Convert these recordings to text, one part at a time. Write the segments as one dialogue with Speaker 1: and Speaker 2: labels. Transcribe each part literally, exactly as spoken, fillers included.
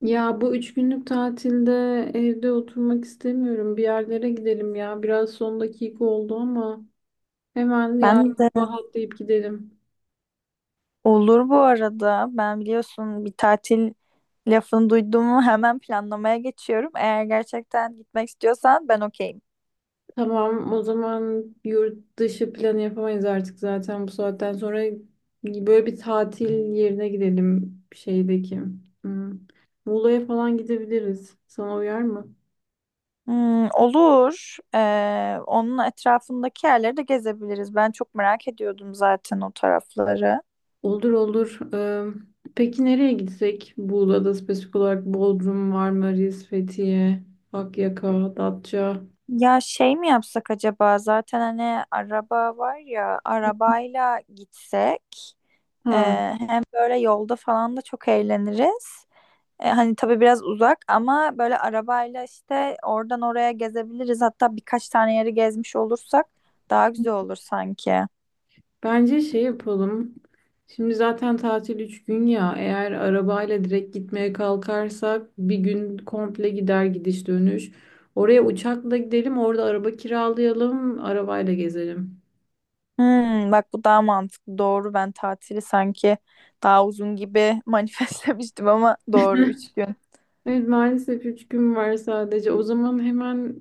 Speaker 1: Ya bu üç günlük tatilde evde oturmak istemiyorum. Bir yerlere gidelim ya. Biraz son dakika oldu ama hemen
Speaker 2: Ben
Speaker 1: yarın
Speaker 2: de
Speaker 1: sabah atlayıp gidelim.
Speaker 2: olur bu arada. Ben biliyorsun bir tatil lafını duyduğumu hemen planlamaya geçiyorum. Eğer gerçekten gitmek istiyorsan ben okeyim.
Speaker 1: Tamam, o zaman yurt dışı planı yapamayız artık zaten bu saatten sonra. Böyle bir tatil yerine gidelim şeydeki. Hmm. Muğla'ya falan gidebiliriz. Sana uyar mı?
Speaker 2: Hmm, olur. Ee, onun etrafındaki yerleri de gezebiliriz. Ben çok merak ediyordum zaten o tarafları.
Speaker 1: Olur olur. Ee, peki nereye gitsek? Buğla'da spesifik olarak Bodrum, Marmaris, Fethiye, Akyaka, Datça.
Speaker 2: Ya şey mi yapsak acaba? Zaten hani araba var ya, arabayla gitsek. ee,
Speaker 1: Ha,
Speaker 2: Hem böyle yolda falan da çok eğleniriz. E, hani tabii biraz uzak ama böyle arabayla işte oradan oraya gezebiliriz. Hatta birkaç tane yeri gezmiş olursak daha güzel olur sanki.
Speaker 1: bence şey yapalım. Şimdi zaten tatil üç gün ya. Eğer arabayla direkt gitmeye kalkarsak bir gün komple gider gidiş dönüş. Oraya uçakla gidelim, orada araba kiralayalım, arabayla gezelim.
Speaker 2: Hmm, bak bu daha mantıklı. Doğru ben tatili sanki daha uzun gibi manifestlemiştim ama doğru üç gün.
Speaker 1: Evet, maalesef üç gün var sadece. O zaman hemen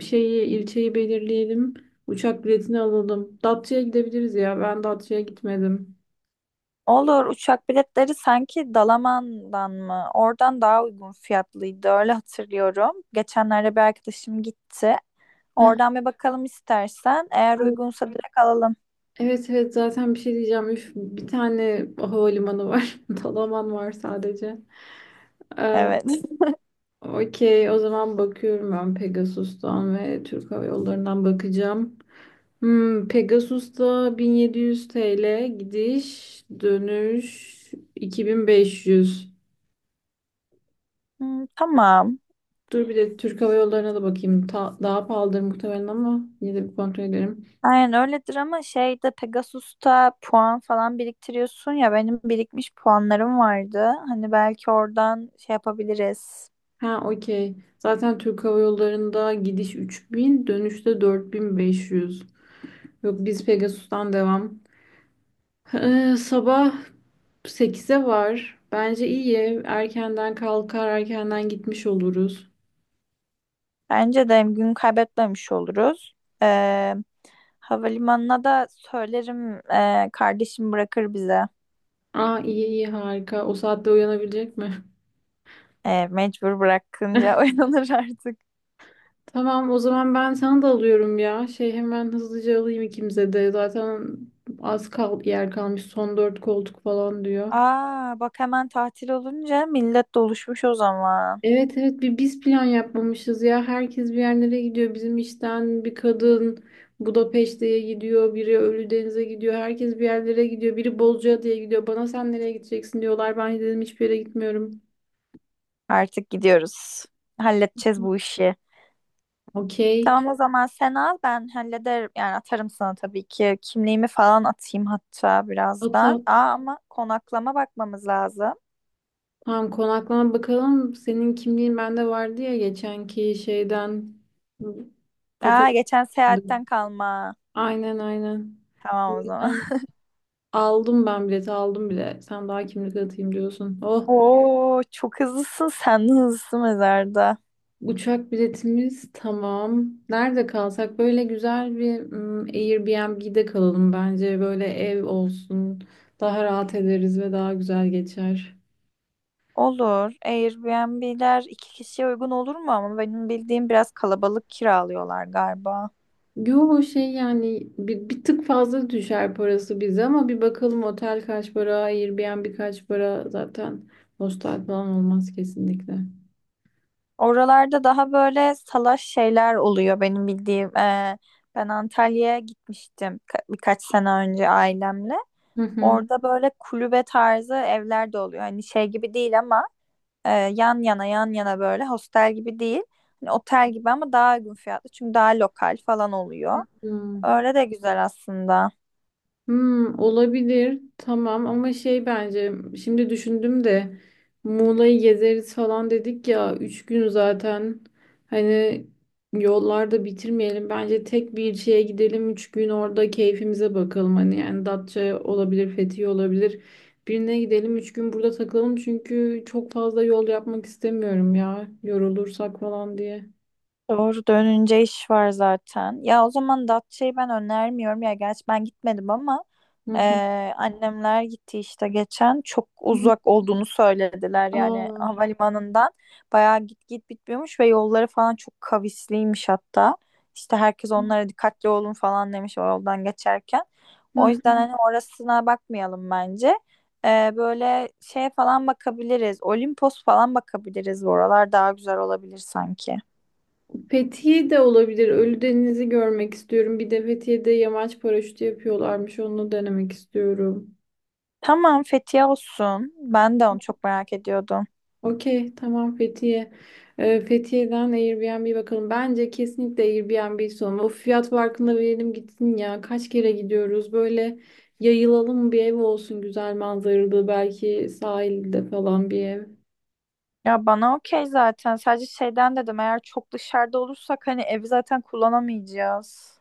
Speaker 1: şeyi ilçeyi belirleyelim. Uçak biletini alalım. Datça'ya gidebiliriz ya. Ben Datça'ya gitmedim.
Speaker 2: Olur uçak biletleri sanki Dalaman'dan mı? Oradan daha uygun fiyatlıydı öyle hatırlıyorum. Geçenlerde bir arkadaşım gitti.
Speaker 1: Heh.
Speaker 2: Oradan bir bakalım istersen. Eğer
Speaker 1: Ay,
Speaker 2: uygunsa direkt alalım.
Speaker 1: evet evet zaten bir şey diyeceğim. Üf, bir tane havalimanı var. Dalaman var sadece. Ee,
Speaker 2: Evet.
Speaker 1: okey, o zaman bakıyorum, ben Pegasus'tan ve Türk Hava Yolları'ndan bakacağım. Hmm, Pegasus'ta bin yedi yüz T L gidiş dönüş iki bin beş yüz.
Speaker 2: Hmm, tamam.
Speaker 1: Dur, bir de Türk Hava Yolları'na da bakayım. Ta- daha pahalıdır muhtemelen ama yine de bir kontrol ederim.
Speaker 2: Aynen öyledir ama şeyde Pegasus'ta puan falan biriktiriyorsun ya benim birikmiş puanlarım vardı. Hani belki oradan şey yapabiliriz.
Speaker 1: Ha, okey. Zaten Türk Hava Yolları'nda gidiş üç bin, dönüşte dört bin beş yüz. Yok, biz Pegasus'tan devam. Ee, sabah sekize var. Bence iyi. Erkenden kalkar, erkenden gitmiş oluruz.
Speaker 2: Bence de hem gün kaybetmemiş oluruz. Ee, Havalimanına da söylerim ee, kardeşim bırakır bize.
Speaker 1: Aa iyi iyi, harika. O saatte uyanabilecek mi?
Speaker 2: Ee, mecbur bırakınca oynanır artık.
Speaker 1: Tamam, o zaman ben sana da alıyorum ya. Şey, hemen hızlıca alayım ikimize de. Zaten az kal yer kalmış. Son dört koltuk falan diyor.
Speaker 2: Aa bak hemen tatil olunca millet doluşmuş o zaman.
Speaker 1: Evet evet, bir biz plan yapmamışız ya. Herkes bir yerlere gidiyor. Bizim işten bir kadın Budapeşte'ye gidiyor. Biri Ölüdeniz'e gidiyor. Herkes bir yerlere gidiyor. Biri Bozcaada'ya gidiyor. Bana sen nereye gideceksin diyorlar. Ben dedim hiçbir yere gitmiyorum.
Speaker 2: Artık gidiyoruz. Halledeceğiz bu işi.
Speaker 1: Okey.
Speaker 2: Tamam o zaman sen al ben hallederim. Yani atarım sana tabii ki. Kimliğimi falan atayım hatta
Speaker 1: Ata,
Speaker 2: birazdan. Aa ama konaklama bakmamız lazım.
Speaker 1: tamam konaklama bakalım. Senin kimliğin bende vardı ya, geçenki şeyden
Speaker 2: Aa
Speaker 1: fotoğraf.
Speaker 2: geçen seyahatten kalma.
Speaker 1: Aynen aynen. O
Speaker 2: Tamam o zaman.
Speaker 1: yüzden aldım, ben bileti aldım bile. Sen daha kimlik atayım diyorsun. Oh,
Speaker 2: Oo çok hızlısın sen de hızlısın mezarda.
Speaker 1: uçak biletimiz tamam. Nerede kalsak, böyle güzel bir mm, Airbnb'de kalalım bence. Böyle ev olsun. Daha rahat ederiz ve daha güzel geçer.
Speaker 2: Olur. Airbnb'ler iki kişiye uygun olur mu ama benim bildiğim biraz kalabalık kiralıyorlar galiba.
Speaker 1: Yo şey, yani bir, bir tık fazla düşer parası bize ama bir bakalım otel kaç para, Airbnb kaç para, zaten hostel falan olmaz kesinlikle.
Speaker 2: Oralarda daha böyle salaş şeyler oluyor benim bildiğim. Ee, ben Antalya'ya gitmiştim ka- birkaç sene önce ailemle.
Speaker 1: Hı hı.
Speaker 2: Orada böyle kulübe tarzı evler de oluyor. Hani şey gibi değil ama e, yan yana yan yana böyle hostel gibi değil. Hani otel gibi ama daha uygun fiyatlı. Çünkü daha lokal falan oluyor.
Speaker 1: Hmm.
Speaker 2: Öyle de güzel aslında.
Speaker 1: Hmm, olabilir. Tamam ama şey, bence şimdi düşündüm de Muğla'yı gezeriz falan dedik ya, üç gün zaten, hani yollarda bitirmeyelim. Bence tek bir şeye gidelim, üç gün orada keyfimize bakalım, hani yani Datça olabilir, Fethiye olabilir. Birine gidelim, üç gün burada takılalım, çünkü çok fazla yol yapmak istemiyorum ya, yorulursak falan diye.
Speaker 2: Doğru dönünce iş var zaten. Ya o zaman Datça'yı ben önermiyorum. Ya gerçi ben gitmedim ama
Speaker 1: Hı hı.
Speaker 2: eee, annemler gitti işte geçen. Çok uzak olduğunu söylediler yani
Speaker 1: Aa.
Speaker 2: havalimanından. Bayağı git git bitmiyormuş ve yolları falan çok kavisliymiş hatta. İşte herkes onlara dikkatli olun falan demiş o yoldan geçerken. O yüzden
Speaker 1: Heh.
Speaker 2: hani orasına bakmayalım bence. Eee, böyle şey falan bakabiliriz. Olimpos falan bakabiliriz. Bu oralar daha güzel olabilir sanki.
Speaker 1: Fethiye de olabilir. Ölüdeniz'i görmek istiyorum. Bir de Fethiye'de yamaç paraşütü yapıyorlarmış. Onu denemek istiyorum.
Speaker 2: Tamam Fethiye olsun. Ben de onu çok merak ediyordum.
Speaker 1: Okey, tamam Fethiye. Ee, Fethiye'den Airbnb bakalım. Bence kesinlikle Airbnb son. O fiyat farkında verelim gitsin ya. Kaç kere gidiyoruz? Böyle yayılalım, bir ev olsun güzel manzaralı. Belki sahilde falan bir ev.
Speaker 2: Ya bana okey zaten. Sadece şeyden dedim eğer çok dışarıda olursak hani evi zaten kullanamayacağız.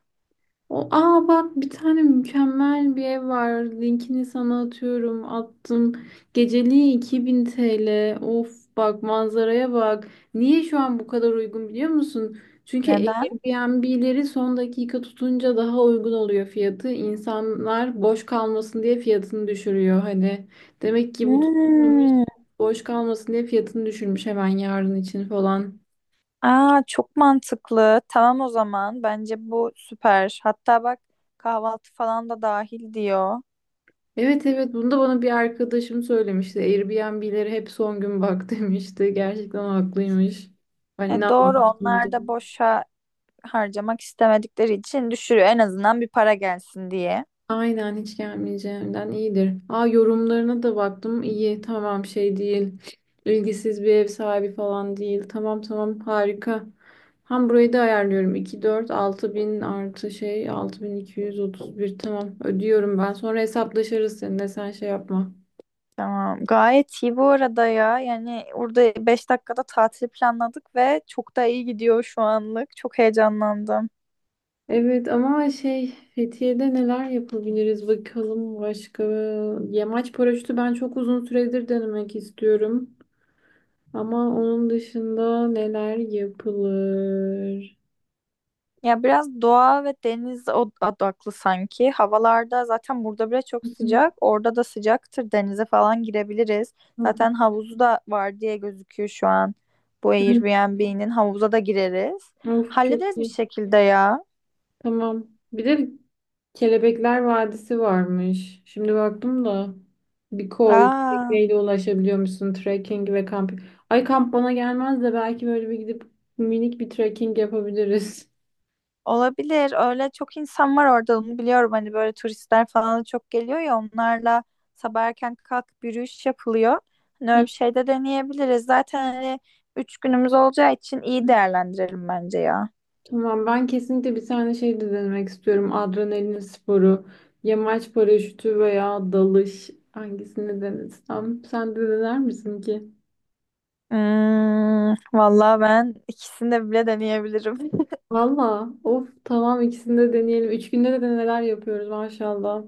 Speaker 1: O, aa bak bir tane mükemmel bir ev var. Linkini sana atıyorum. Attım. Geceliği iki bin T L. Of, bak manzaraya bak. Niye şu an bu kadar uygun biliyor musun? Çünkü
Speaker 2: Neden?
Speaker 1: Airbnb'leri son dakika tutunca daha uygun oluyor fiyatı. İnsanlar boş kalmasın diye fiyatını düşürüyor. Hani demek ki bu tutulmamış,
Speaker 2: Hmm.
Speaker 1: boş kalmasın diye fiyatını düşürmüş hemen yarın için falan.
Speaker 2: Aa çok mantıklı. Tamam o zaman. Bence bu süper. Hatta bak kahvaltı falan da dahil diyor.
Speaker 1: Evet evet, bunu da bana bir arkadaşım söylemişti. Airbnb'lere hep son gün bak demişti. Gerçekten haklıymış. Ben
Speaker 2: E doğru
Speaker 1: inanmamıştım.
Speaker 2: onlar
Speaker 1: O,
Speaker 2: da boşa harcamak istemedikleri için düşürüyor. En azından bir para gelsin diye.
Speaker 1: aynen hiç gelmeyeceğimden iyidir. Aa, yorumlarına da baktım. İyi, tamam şey değil. İlgisiz bir ev sahibi falan değil. Tamam tamam, harika. Hem burayı da ayarlıyorum. İki dört altı bin artı şey altı bin iki yüz otuz bir, tamam ödüyorum ben. Sonra hesaplaşırız seninle, sen şey yapma.
Speaker 2: Tamam. Gayet iyi bu arada ya. Yani orada beş dakikada tatil planladık ve çok da iyi gidiyor şu anlık. Çok heyecanlandım.
Speaker 1: Evet ama şey, Fethiye'de neler yapabiliriz bakalım başka. Yamaç paraşütü ben çok uzun süredir denemek istiyorum. Ama onun dışında neler yapılır?
Speaker 2: Ya biraz doğa ve deniz od- odaklı sanki. Havalarda zaten burada bile çok
Speaker 1: Hı
Speaker 2: sıcak. Orada da sıcaktır. Denize falan girebiliriz.
Speaker 1: hı.
Speaker 2: Zaten havuzu da var diye gözüküyor şu an. Bu
Speaker 1: Hı.
Speaker 2: Airbnb'nin havuza da gireriz.
Speaker 1: Of, çok
Speaker 2: Hallederiz bir
Speaker 1: iyi.
Speaker 2: şekilde ya.
Speaker 1: Tamam. Bir de Kelebekler Vadisi varmış. Şimdi baktım da bir koy,
Speaker 2: Aa.
Speaker 1: tekneyle ulaşabiliyor musun, trekking ve kamp. Ay, kamp bana gelmez de belki böyle bir gidip minik bir trekking yapabiliriz.
Speaker 2: Olabilir. Öyle çok insan var orada onu biliyorum. Hani böyle turistler falan da çok geliyor ya onlarla sabah erken kalkıp yürüyüş yapılıyor. Hani öyle bir şey de deneyebiliriz. Zaten hani üç günümüz olacağı için iyi değerlendirelim bence ya.
Speaker 1: Tamam, ben kesinlikle bir tane şey de denemek istiyorum. Adrenalin sporu, yamaç paraşütü veya dalış, hangisini denesem. Sen de dener misin ki?
Speaker 2: Hmm, vallahi ben ikisini de bile deneyebilirim.
Speaker 1: Valla of, tamam ikisini de deneyelim. Üç günde de neler yapıyoruz maşallah.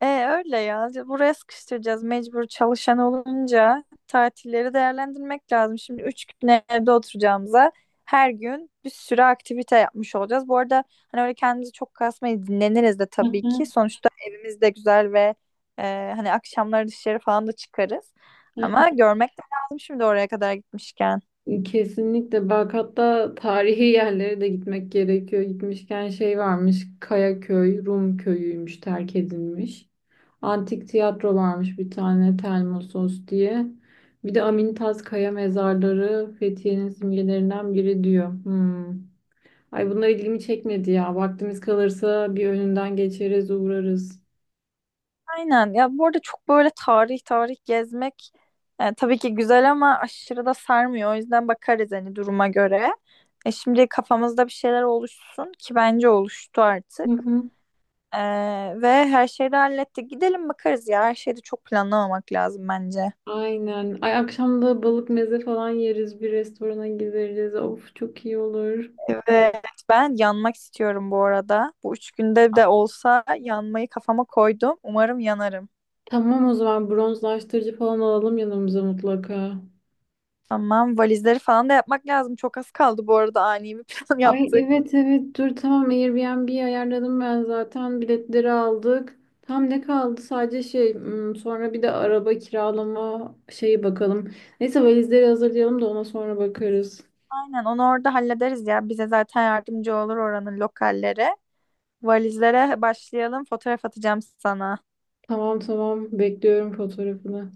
Speaker 2: E öyle ya. Buraya sıkıştıracağız mecbur çalışan olunca tatilleri değerlendirmek lazım. Şimdi üç gün evde oturacağımıza her gün bir sürü aktivite yapmış olacağız. Bu arada hani öyle kendimizi çok kasmayı dinleniriz de tabii ki. Sonuçta evimiz de güzel ve e, hani akşamları dışarı falan da çıkarız. Ama görmek de lazım şimdi oraya kadar gitmişken.
Speaker 1: Kesinlikle bak, hatta tarihi yerlere de gitmek gerekiyor. Gitmişken şey varmış, Kayaköy, Rum köyüymüş terk edilmiş. Antik tiyatro varmış bir tane, Telmosos diye. Bir de Amintas Kaya mezarları Fethiye'nin simgelerinden biri diyor. Hmm. Ay, bunlar ilgimi çekmedi ya. Vaktimiz kalırsa bir önünden geçeriz, uğrarız.
Speaker 2: Aynen ya bu arada çok böyle tarih tarih gezmek e, tabii ki güzel ama aşırı da sarmıyor. O yüzden bakarız hani duruma göre. E, şimdi kafamızda bir şeyler oluşsun ki bence oluştu
Speaker 1: Hı
Speaker 2: artık.
Speaker 1: hı.
Speaker 2: E, Ve her şeyi de hallettik. Gidelim bakarız ya her şeyi de çok planlamamak lazım bence.
Speaker 1: Aynen. Ay, akşam da balık meze falan yeriz, bir restorana gideriz. Of, çok iyi olur.
Speaker 2: Evet ben yanmak istiyorum bu arada. Bu üç günde de olsa yanmayı kafama koydum. Umarım yanarım.
Speaker 1: Tamam o zaman, bronzlaştırıcı falan alalım yanımıza mutlaka.
Speaker 2: Tamam valizleri falan da yapmak lazım. Çok az kaldı bu arada ani bir plan
Speaker 1: Ay
Speaker 2: yaptık.
Speaker 1: evet evet, dur tamam Airbnb'yi ayarladım ben, zaten biletleri aldık. Tam ne kaldı, sadece şey hmm, sonra bir de araba kiralama şeyi bakalım. Neyse, valizleri hazırlayalım da ona sonra bakarız.
Speaker 2: Aynen onu orada hallederiz ya. Bize zaten yardımcı olur oranın lokalleri. Valizlere başlayalım. Fotoğraf atacağım sana.
Speaker 1: Tamam tamam, bekliyorum fotoğrafını.